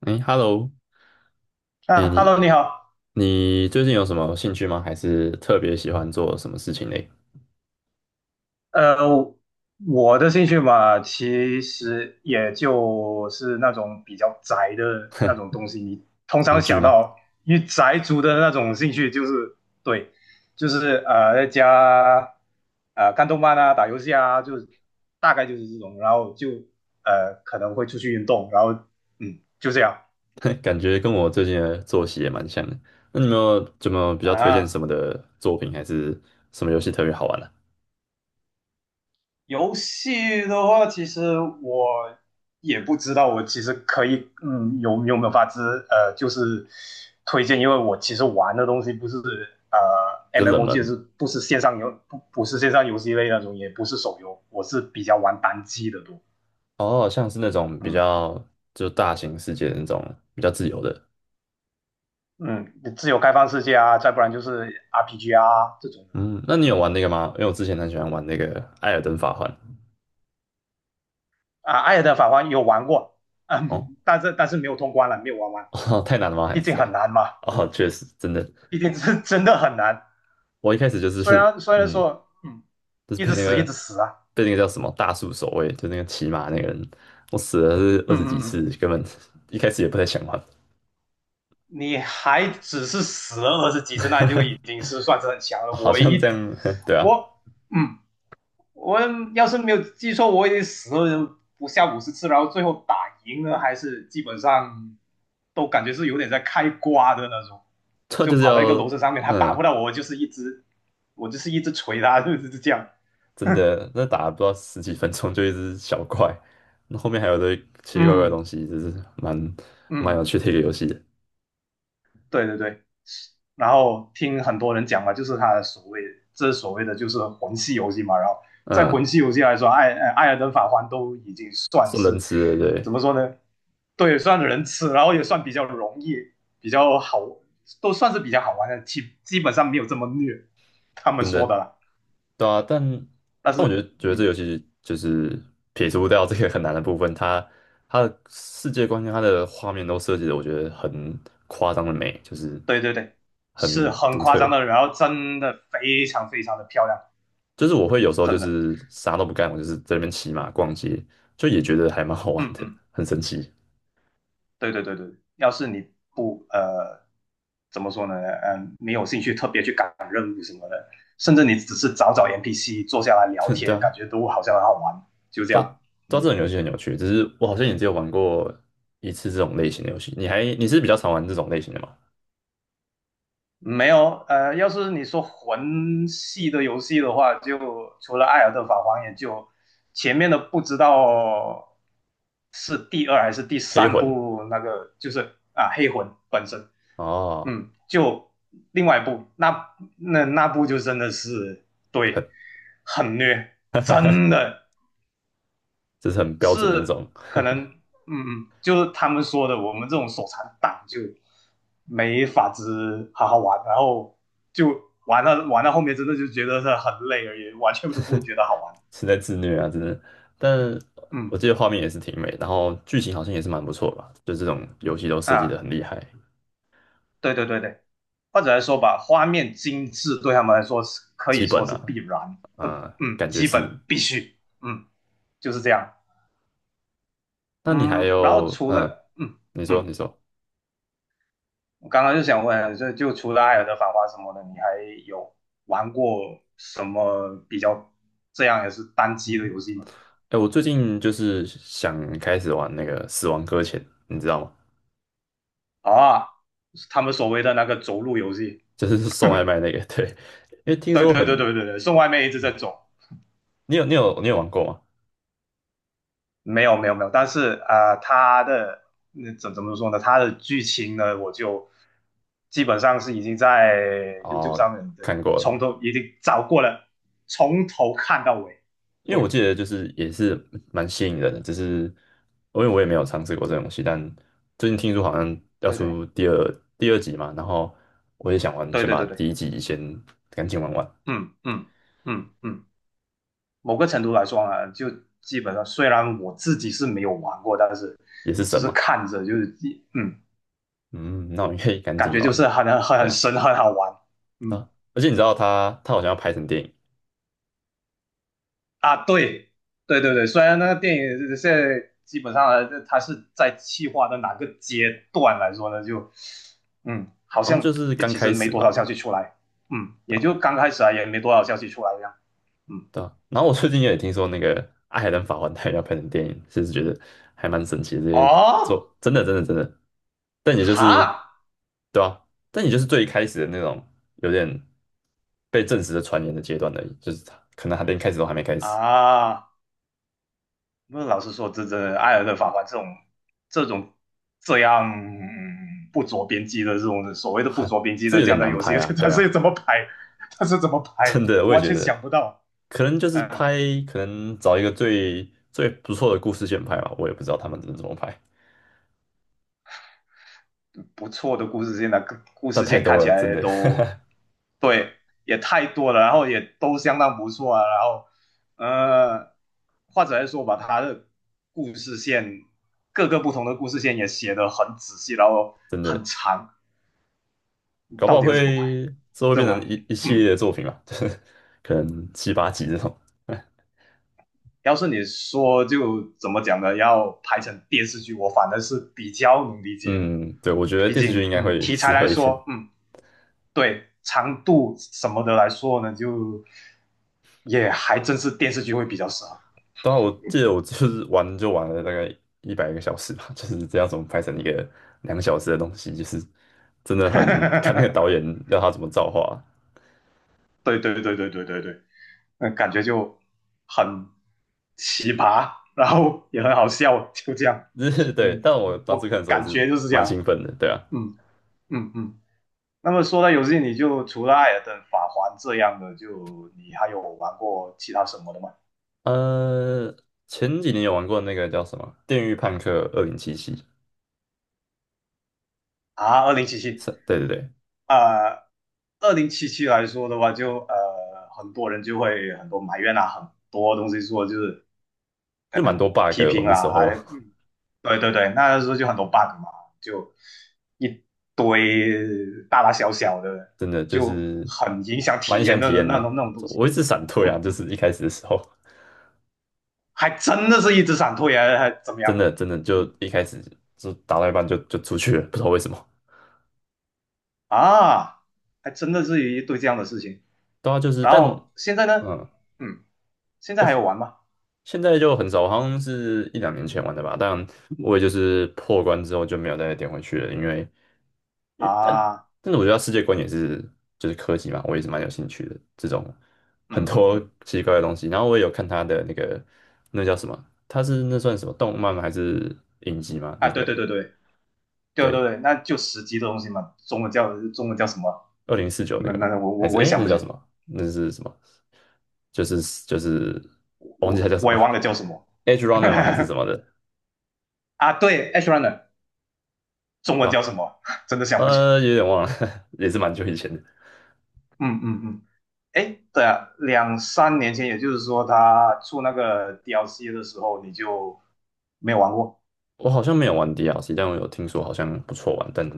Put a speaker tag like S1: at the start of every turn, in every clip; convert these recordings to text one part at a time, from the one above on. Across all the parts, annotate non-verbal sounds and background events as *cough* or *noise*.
S1: 哎，Hello，哎，
S2: 啊
S1: 你
S2: ，Hello，你好。
S1: 你最近有什么兴趣吗？还是特别喜欢做什么事情嘞？
S2: 呃，我的兴趣嘛，其实也就是那种比较宅的那种东西。你通常
S1: 看剧
S2: 想
S1: 吗？
S2: 到与宅族的那种兴趣，就是对，就是在家看动漫啊，打游戏啊，就是大概就是这种。然后就可能会出去运动，然后嗯，就这样
S1: *laughs* 感觉跟我最近的作息也蛮像的。那你有没有怎么比较推荐
S2: 啊。
S1: 什么的作品，还是什么游戏特别好玩呢、
S2: 游戏的话，其实我也不知道，我其实可以，嗯，有没有法子，就是推荐，因为我其实玩的东西不是呃
S1: 比较冷门
S2: MMOG，是
S1: 的
S2: 不是线上游，不是线上游戏类那种，也不是手游，我是比较玩单机的多，
S1: 哦，像是那种比
S2: 嗯
S1: 较就大型世界的那种比较自由的。
S2: 嗯，自由开放世界啊，再不然就是 RPG 啊这种的，
S1: 嗯，那你有
S2: 嗯
S1: 玩那个吗？因为我之前很喜欢玩那个《艾尔登法环》
S2: 啊，艾尔登法环有玩过，嗯，但是没有通关了，没有玩完，
S1: 哦，*laughs* 哦太难了吗？还
S2: 毕
S1: 是？
S2: 竟很难嘛，
S1: 哦，确实，真的。
S2: 毕竟是真的很难。
S1: 我一开始就
S2: 虽
S1: 是
S2: 然虽然
S1: 嗯，
S2: 说，嗯，
S1: 就是
S2: 一
S1: 被
S2: 直
S1: 那
S2: 死一
S1: 个
S2: 直死啊，
S1: 被那个叫什么大树守卫，就那个骑马那个人，我死了是二
S2: 嗯
S1: 十几
S2: 嗯
S1: 次，
S2: 嗯，
S1: 根本一开始也不太想玩，
S2: 你还只是死了20几次，那就已经是算是很强
S1: *laughs*
S2: 了。
S1: 好
S2: 我
S1: 像这
S2: 一
S1: 样，*laughs* 对啊，
S2: 我嗯，我要是没有记错，我已经死了不下50次，然后最后打赢了，还是基本上都感觉是有点在开挂的那种，
S1: 他
S2: 就
S1: 就是
S2: 跑到一个
S1: 要
S2: 楼层上面，他打
S1: 嗯，
S2: 不到我，就是一直我就是一直捶他，*laughs* 就是这样。
S1: 真
S2: *laughs*
S1: 的那打了不知道十几分钟就一只小怪，那后面还有一堆奇奇怪怪的
S2: 嗯
S1: 东西，就是蛮蛮有
S2: 嗯。
S1: 趣的一个游戏的，
S2: 对对对，然后听很多人讲嘛，就是他的所谓这所谓的就是魂系游戏嘛，然后在魂
S1: 嗯，
S2: 系游戏来说，艾尔登法环都已经算
S1: 是
S2: 是
S1: 能吃的，对，
S2: 怎么说呢？对，算人吃，然后也算比较容易，比较好，都算是比较好玩的，基本上没有这么虐，他们
S1: 真
S2: 说的
S1: 的。
S2: 啦。
S1: 对啊，但
S2: 但
S1: 但我觉得
S2: 是，
S1: 觉得这
S2: 嗯，
S1: 游戏就是撇除掉这个很难的部分，它的世界观跟它的画面都设计的，我觉得很夸张的美，就是
S2: 对对对，是
S1: 很
S2: 很
S1: 独
S2: 夸
S1: 特。
S2: 张的，然后真的非常非常的漂亮，
S1: 就是我会有时候就
S2: 真的，
S1: 是啥都不干，我就是在那边骑马逛街，就也觉得还蛮好玩
S2: 嗯
S1: 的，
S2: 嗯。
S1: 很神奇。
S2: 对对对对，要是你不呃怎么说呢？嗯，没有兴趣特别去赶任务什么的，甚至你只是找找 NPC 坐下来聊
S1: *laughs* 对
S2: 天，感
S1: 啊，
S2: 觉都好像很好玩，就这
S1: 到
S2: 样。
S1: 到这
S2: 嗯，
S1: 种游戏很有趣，只是我好像也只有玩过一次这种类型的游戏。你是比较常玩这种类型的吗？
S2: 没有要是你说魂系的游戏的话，就除了《艾尔登法环》，也就前面的不知道是第二还是第
S1: 黑
S2: 三
S1: 魂
S2: 部那个，就是啊黑魂本身，
S1: 哦，
S2: 嗯，就另外一部，那部就真的是对，
S1: 很
S2: 很虐，真的
S1: 这是很标准的那
S2: 是
S1: 种。
S2: 可能，嗯，就是他们说的，我们这种手残党就没法子好好玩，然后就玩到后面，真的就觉得是很累而已，完全都不会觉得好玩。
S1: 是在自虐啊，真的。但我
S2: 嗯
S1: 记得画面也是挺美，然后剧情好像也是蛮不错吧，就这种游戏都设计的
S2: 啊，
S1: 很厉害，
S2: 对对对对，或者来说吧，画面精致对他们来说是可以
S1: 基
S2: 说
S1: 本
S2: 是
S1: 啊，
S2: 必然，或
S1: 啊、
S2: 嗯，
S1: 感觉
S2: 基本
S1: 是。
S2: 必须，嗯，就是这样。
S1: 那你还
S2: 嗯，然后
S1: 有，
S2: 除了
S1: 你说，
S2: 嗯，
S1: 你说，
S2: 我刚刚就想问，就除了《艾尔的繁华什么的，你还有玩过什么比较这样也是单机的
S1: 嗯，
S2: 游戏吗？
S1: 哎，我最近就是想开始玩那个《死亡搁浅》，你知道吗？
S2: 啊，他们所谓的那个走路游戏，
S1: *laughs* 就是送外卖那个，对，*laughs* 因为听
S2: 对
S1: 说
S2: 对对
S1: 很，
S2: 对对对，送外卖一直在走，
S1: 你有玩过吗？
S2: 没有没有没有，但是啊，他的那怎么说呢？他的剧情呢，我就基本上是已经在 YouTube
S1: 哦，
S2: 上面的
S1: 看过了
S2: 从
S1: 吗？
S2: 头已经找过了，从头看到尾，
S1: 因为我
S2: 对
S1: 记得就是也是蛮吸引人的，只是因为我也没有尝试过这个东西，但最近听说好像要
S2: 对对。
S1: 出第二集嘛，然后我也想玩，
S2: 对
S1: 先
S2: 对
S1: 把
S2: 对
S1: 第
S2: 对，
S1: 一集先赶紧玩完，
S2: 嗯嗯嗯嗯，某个程度来说呢，就基本上虽然我自己是没有玩过，但是
S1: 也是
S2: 只
S1: 神
S2: 是
S1: 嘛，
S2: 看着就是嗯，
S1: 嗯，那我应该也赶
S2: 感
S1: 紧
S2: 觉就
S1: 玩了，
S2: 是很很
S1: 对
S2: 很
S1: 啊，
S2: 神，很好玩。嗯
S1: 啊，而且你知道他好像要拍成电影，
S2: 啊，对对对对，虽然那个电影现在基本上呢，它是在企划的哪个阶段来说呢，就嗯，好
S1: 好像就
S2: 像
S1: 是
S2: 也
S1: 刚
S2: 其实
S1: 开
S2: 没
S1: 始
S2: 多少消
S1: 吧，
S2: 息出来，嗯，
S1: 对
S2: 也
S1: 吧？
S2: 就刚开始啊，也没多少消息出来这样。嗯，
S1: 对啊，然后我最近也听说那个《爱尔兰法环》它要拍成电影，其实觉得还蛮神奇的。这些
S2: 哦，
S1: 做真的真的真的，但也就是
S2: 哈
S1: 对啊，但也就是最一开始的那种有点被证实的传言的阶段而已，就是他可能还没开始都还没开始，
S2: 啊。不是，老实说，这艾尔的法官这种这样、不着边际的这种所谓的不
S1: 很
S2: 着边际
S1: 这
S2: 的
S1: 有
S2: 这
S1: 点
S2: 样的
S1: 难
S2: 游戏，
S1: 拍啊。
S2: *laughs* 他
S1: 对啊，
S2: 是怎么拍？他是怎么
S1: *laughs*
S2: 拍？
S1: 真的我
S2: 我
S1: 也
S2: 完
S1: 觉
S2: 全
S1: 得，
S2: 想不到。
S1: 可能就是
S2: 嗯，
S1: 拍，可能找一个最最不错的故事线拍吧，我也不知道他们怎么拍，
S2: 不错的故事线的故
S1: 但
S2: 事
S1: 太
S2: 线看
S1: 多
S2: 起
S1: 了，真
S2: 来
S1: 的
S2: 都对，也太多了，然后也都相当不错啊。然后，呃，或者来说吧，他的故事线各个不同的故事线也写得很仔细，然后
S1: *laughs* 真
S2: 很
S1: 的。
S2: 长，
S1: 搞不
S2: 到
S1: 好
S2: 底要怎么拍？
S1: 会之后会
S2: 这
S1: 变
S2: 完，
S1: 成一系
S2: 嗯，
S1: 列的作品吧，就是可能七八集这种。*laughs*
S2: 要是你说就怎么讲呢？要拍成电视剧，我反正是比较能理解了。
S1: 嗯，对，我觉得
S2: 毕
S1: 电视剧
S2: 竟，
S1: 应该
S2: 嗯，
S1: 会
S2: 题材
S1: 适
S2: 来
S1: 合一点。
S2: 说，嗯，对，长度什么的来说呢，就也还真是电视剧会比较适合。
S1: 当然，我记得我就是玩就玩了大概100个小时吧，就是这样怎么拍成一个2个小时的东西，就是真的很看那
S2: *laughs*
S1: 个导演要他怎么造化，
S2: 对对对对对对对，嗯，感觉就很奇葩，然后也很好笑，就这样。
S1: 就是 *laughs* 对。
S2: 嗯，
S1: 但我当时
S2: 我
S1: 看的时候也
S2: 感
S1: 是
S2: 觉就是这
S1: 蛮兴
S2: 样。
S1: 奋的，对啊。
S2: 嗯嗯嗯。那么说到游戏，你就除了《艾尔登法环》这样的，就你还有玩过其他什么的吗？
S1: 呃，前几年有玩过那个叫什么《电狱判客2077》，
S2: 啊，二零七七
S1: 是，对对对，
S2: 啊，二零七七来说的话就，很多人就会很多埋怨啊，很多东西说就是
S1: 就蛮多 bug，
S2: 批
S1: 的我
S2: 评
S1: 那时
S2: 啊，
S1: 候
S2: 还嗯
S1: *laughs*
S2: 对对对，那时候就很多 bug 嘛，就一堆大大小小的，
S1: 真的就
S2: 就
S1: 是
S2: 很影响体
S1: 蛮
S2: 验
S1: 想
S2: 的
S1: 体
S2: 那种
S1: 验
S2: 那
S1: 的。
S2: 种那种东西。
S1: 我一直闪退啊，
S2: 嗯
S1: 就
S2: 嗯，
S1: 是一开始的时候，
S2: 还真的是一直闪退啊，还怎么
S1: 真
S2: 样
S1: 的
S2: 的？
S1: 真的就
S2: 嗯。
S1: 一开始就打到一半就出去了，不知道为什么。
S2: 啊，还真的是一堆这样的事情。
S1: 对啊，就是
S2: 然
S1: 但
S2: 后现在呢，
S1: 嗯，
S2: 嗯，现在
S1: 就
S2: 还有玩吗？
S1: 现在就很少，好像是一两年前玩的吧。但我也就是破关之后就没有再点回去了，因为
S2: 啊，
S1: 但是我觉得它世界观也是就是科技嘛，我也是蛮有兴趣的这种很
S2: 嗯嗯
S1: 多奇
S2: 嗯，
S1: 奇怪怪的东西。然后我也有看他的那个那叫什么。他是那算什么动漫吗还是影集吗？那
S2: 啊，对对
S1: 个
S2: 对对对对
S1: 对，
S2: 对，那就十级的东西嘛，中文叫什么？
S1: 2049那
S2: 那
S1: 个
S2: 那
S1: 嘛，
S2: 那我
S1: 还
S2: 我
S1: 是
S2: 我也
S1: 哎，
S2: 想
S1: 那
S2: 不起，
S1: 叫什么？那是什么？就是就是我忘记它
S2: 我
S1: 叫什
S2: 我
S1: 么
S2: 也
S1: 了
S2: 忘了叫什么
S1: *laughs*，Edge Runner 吗？还是什
S2: *laughs*
S1: 么的？
S2: 啊。对，H runner 中文
S1: 对
S2: 叫
S1: 吧？
S2: 什么？真的想不起。
S1: 有点忘了，*laughs* 也是蛮久以前的。
S2: 嗯嗯嗯，哎，对啊，两三年前，也就是说他出那个 DLC 的时候，你就没有玩过
S1: 我好像没有玩 DLC，但我有听说好像不错玩，但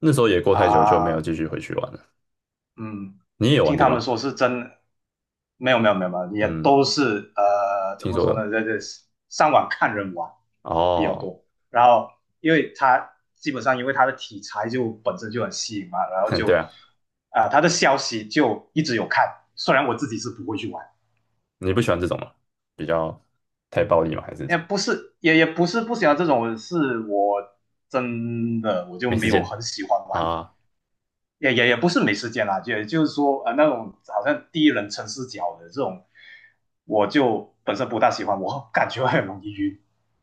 S1: 那时候也过太久就没有
S2: 啊？
S1: 继续回去玩了。
S2: 嗯，
S1: 你也有玩
S2: 听
S1: 这
S2: 他
S1: 个
S2: 们
S1: 吗？
S2: 说是真，没有没有没有没有，也
S1: 嗯，
S2: 都是怎
S1: 听
S2: 么
S1: 说
S2: 说呢，
S1: 的。
S2: 在这上网看人玩比较
S1: 哦，
S2: 多。然后因为他基本上因为他的题材就本身就很吸引嘛，然
S1: *laughs*
S2: 后
S1: 哼
S2: 就
S1: 对啊，
S2: 啊、他的消息就一直有看，虽然我自己是不会去玩，
S1: 你不喜欢这种吗？比较太暴力吗？还是
S2: 也不是也也不是不喜欢这种，是我真的我就
S1: 没时
S2: 没有
S1: 间
S2: 很喜欢玩
S1: 啊？
S2: 也不是没时间啦，也就是说那种好像第一人称视角的这种，我就本身不大喜欢，我感觉很容易晕。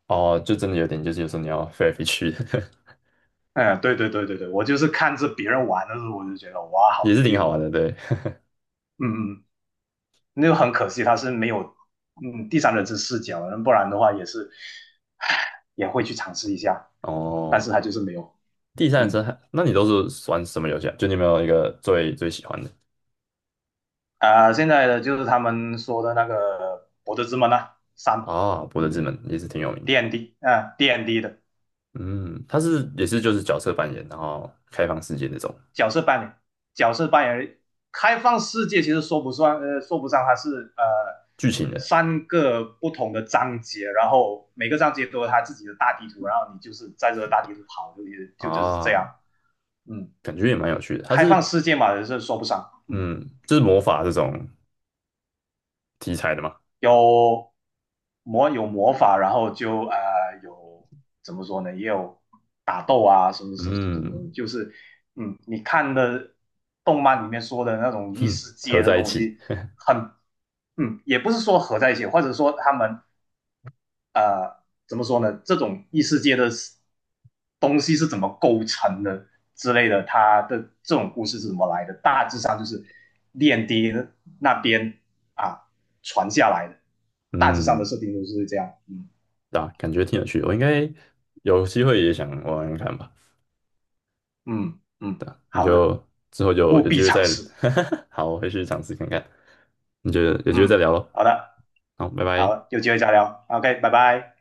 S1: 哦，就真的有点，就是有时候你要飞来飞去。*laughs*
S2: 嗯，对对对对对，我就是看着别人玩的时候，我就觉得哇
S1: 也
S2: 好
S1: 是挺
S2: 晕
S1: 好
S2: 哦。
S1: 玩的，对。
S2: 嗯嗯，那就很可惜，他是没有第三人称视角，不然的话也是，唉也会去尝试一下，但是
S1: 哦，
S2: 他就是没有。
S1: 第三人称
S2: 嗯
S1: 还那你都是玩什么游戏啊？就你有没有一个最最喜欢的
S2: 啊、现在的就是他们说的那个《博德之门》啊，三，
S1: 啊？博德
S2: 嗯
S1: 之门也是挺有名的
S2: ，D N D 啊，D N D 的。
S1: 嗯，它是也是就是角色扮演，然后开放世界那种
S2: 角色扮演，角色扮演开放世界其实说不算，说不上它是
S1: 剧情的
S2: 3个不同的章节，然后每个章节都有它自己的大地图，然后你就是在这个大地图跑，就是这
S1: 啊，
S2: 样。嗯，
S1: 感觉也蛮有趣的。它
S2: 开放
S1: 是
S2: 世界嘛，也是说不上。嗯。
S1: 嗯，就是魔法这种题材的嘛，
S2: 有有魔法，然后就有怎么说呢，也有打斗啊，什么什么什么什
S1: 嗯，
S2: 么就是嗯，你看的动漫里面说的那种异
S1: 哼，
S2: 世
S1: 合
S2: 界的
S1: 在一
S2: 东
S1: 起，
S2: 西很，嗯，也不是说合在一起，或者说他们怎么说呢？这种异世界的东西是怎么构成的之类的，它的这种故事是怎么来的？大致上就是炼帝那边啊传下来的，大致上的
S1: 嗯，
S2: 设定都是这样。嗯
S1: 啊，感觉挺有趣的。我应该有机会也想玩玩看吧。
S2: 嗯嗯，
S1: 你
S2: 好的，
S1: 就之后就
S2: 务
S1: 有机
S2: 必
S1: 会
S2: 尝
S1: 再，
S2: 试。
S1: *laughs* 好，我回去尝试看看。你就有机会
S2: 嗯，
S1: 再聊咯。
S2: 好的，
S1: 好，拜拜。
S2: 好，有机会再聊。OK，拜拜。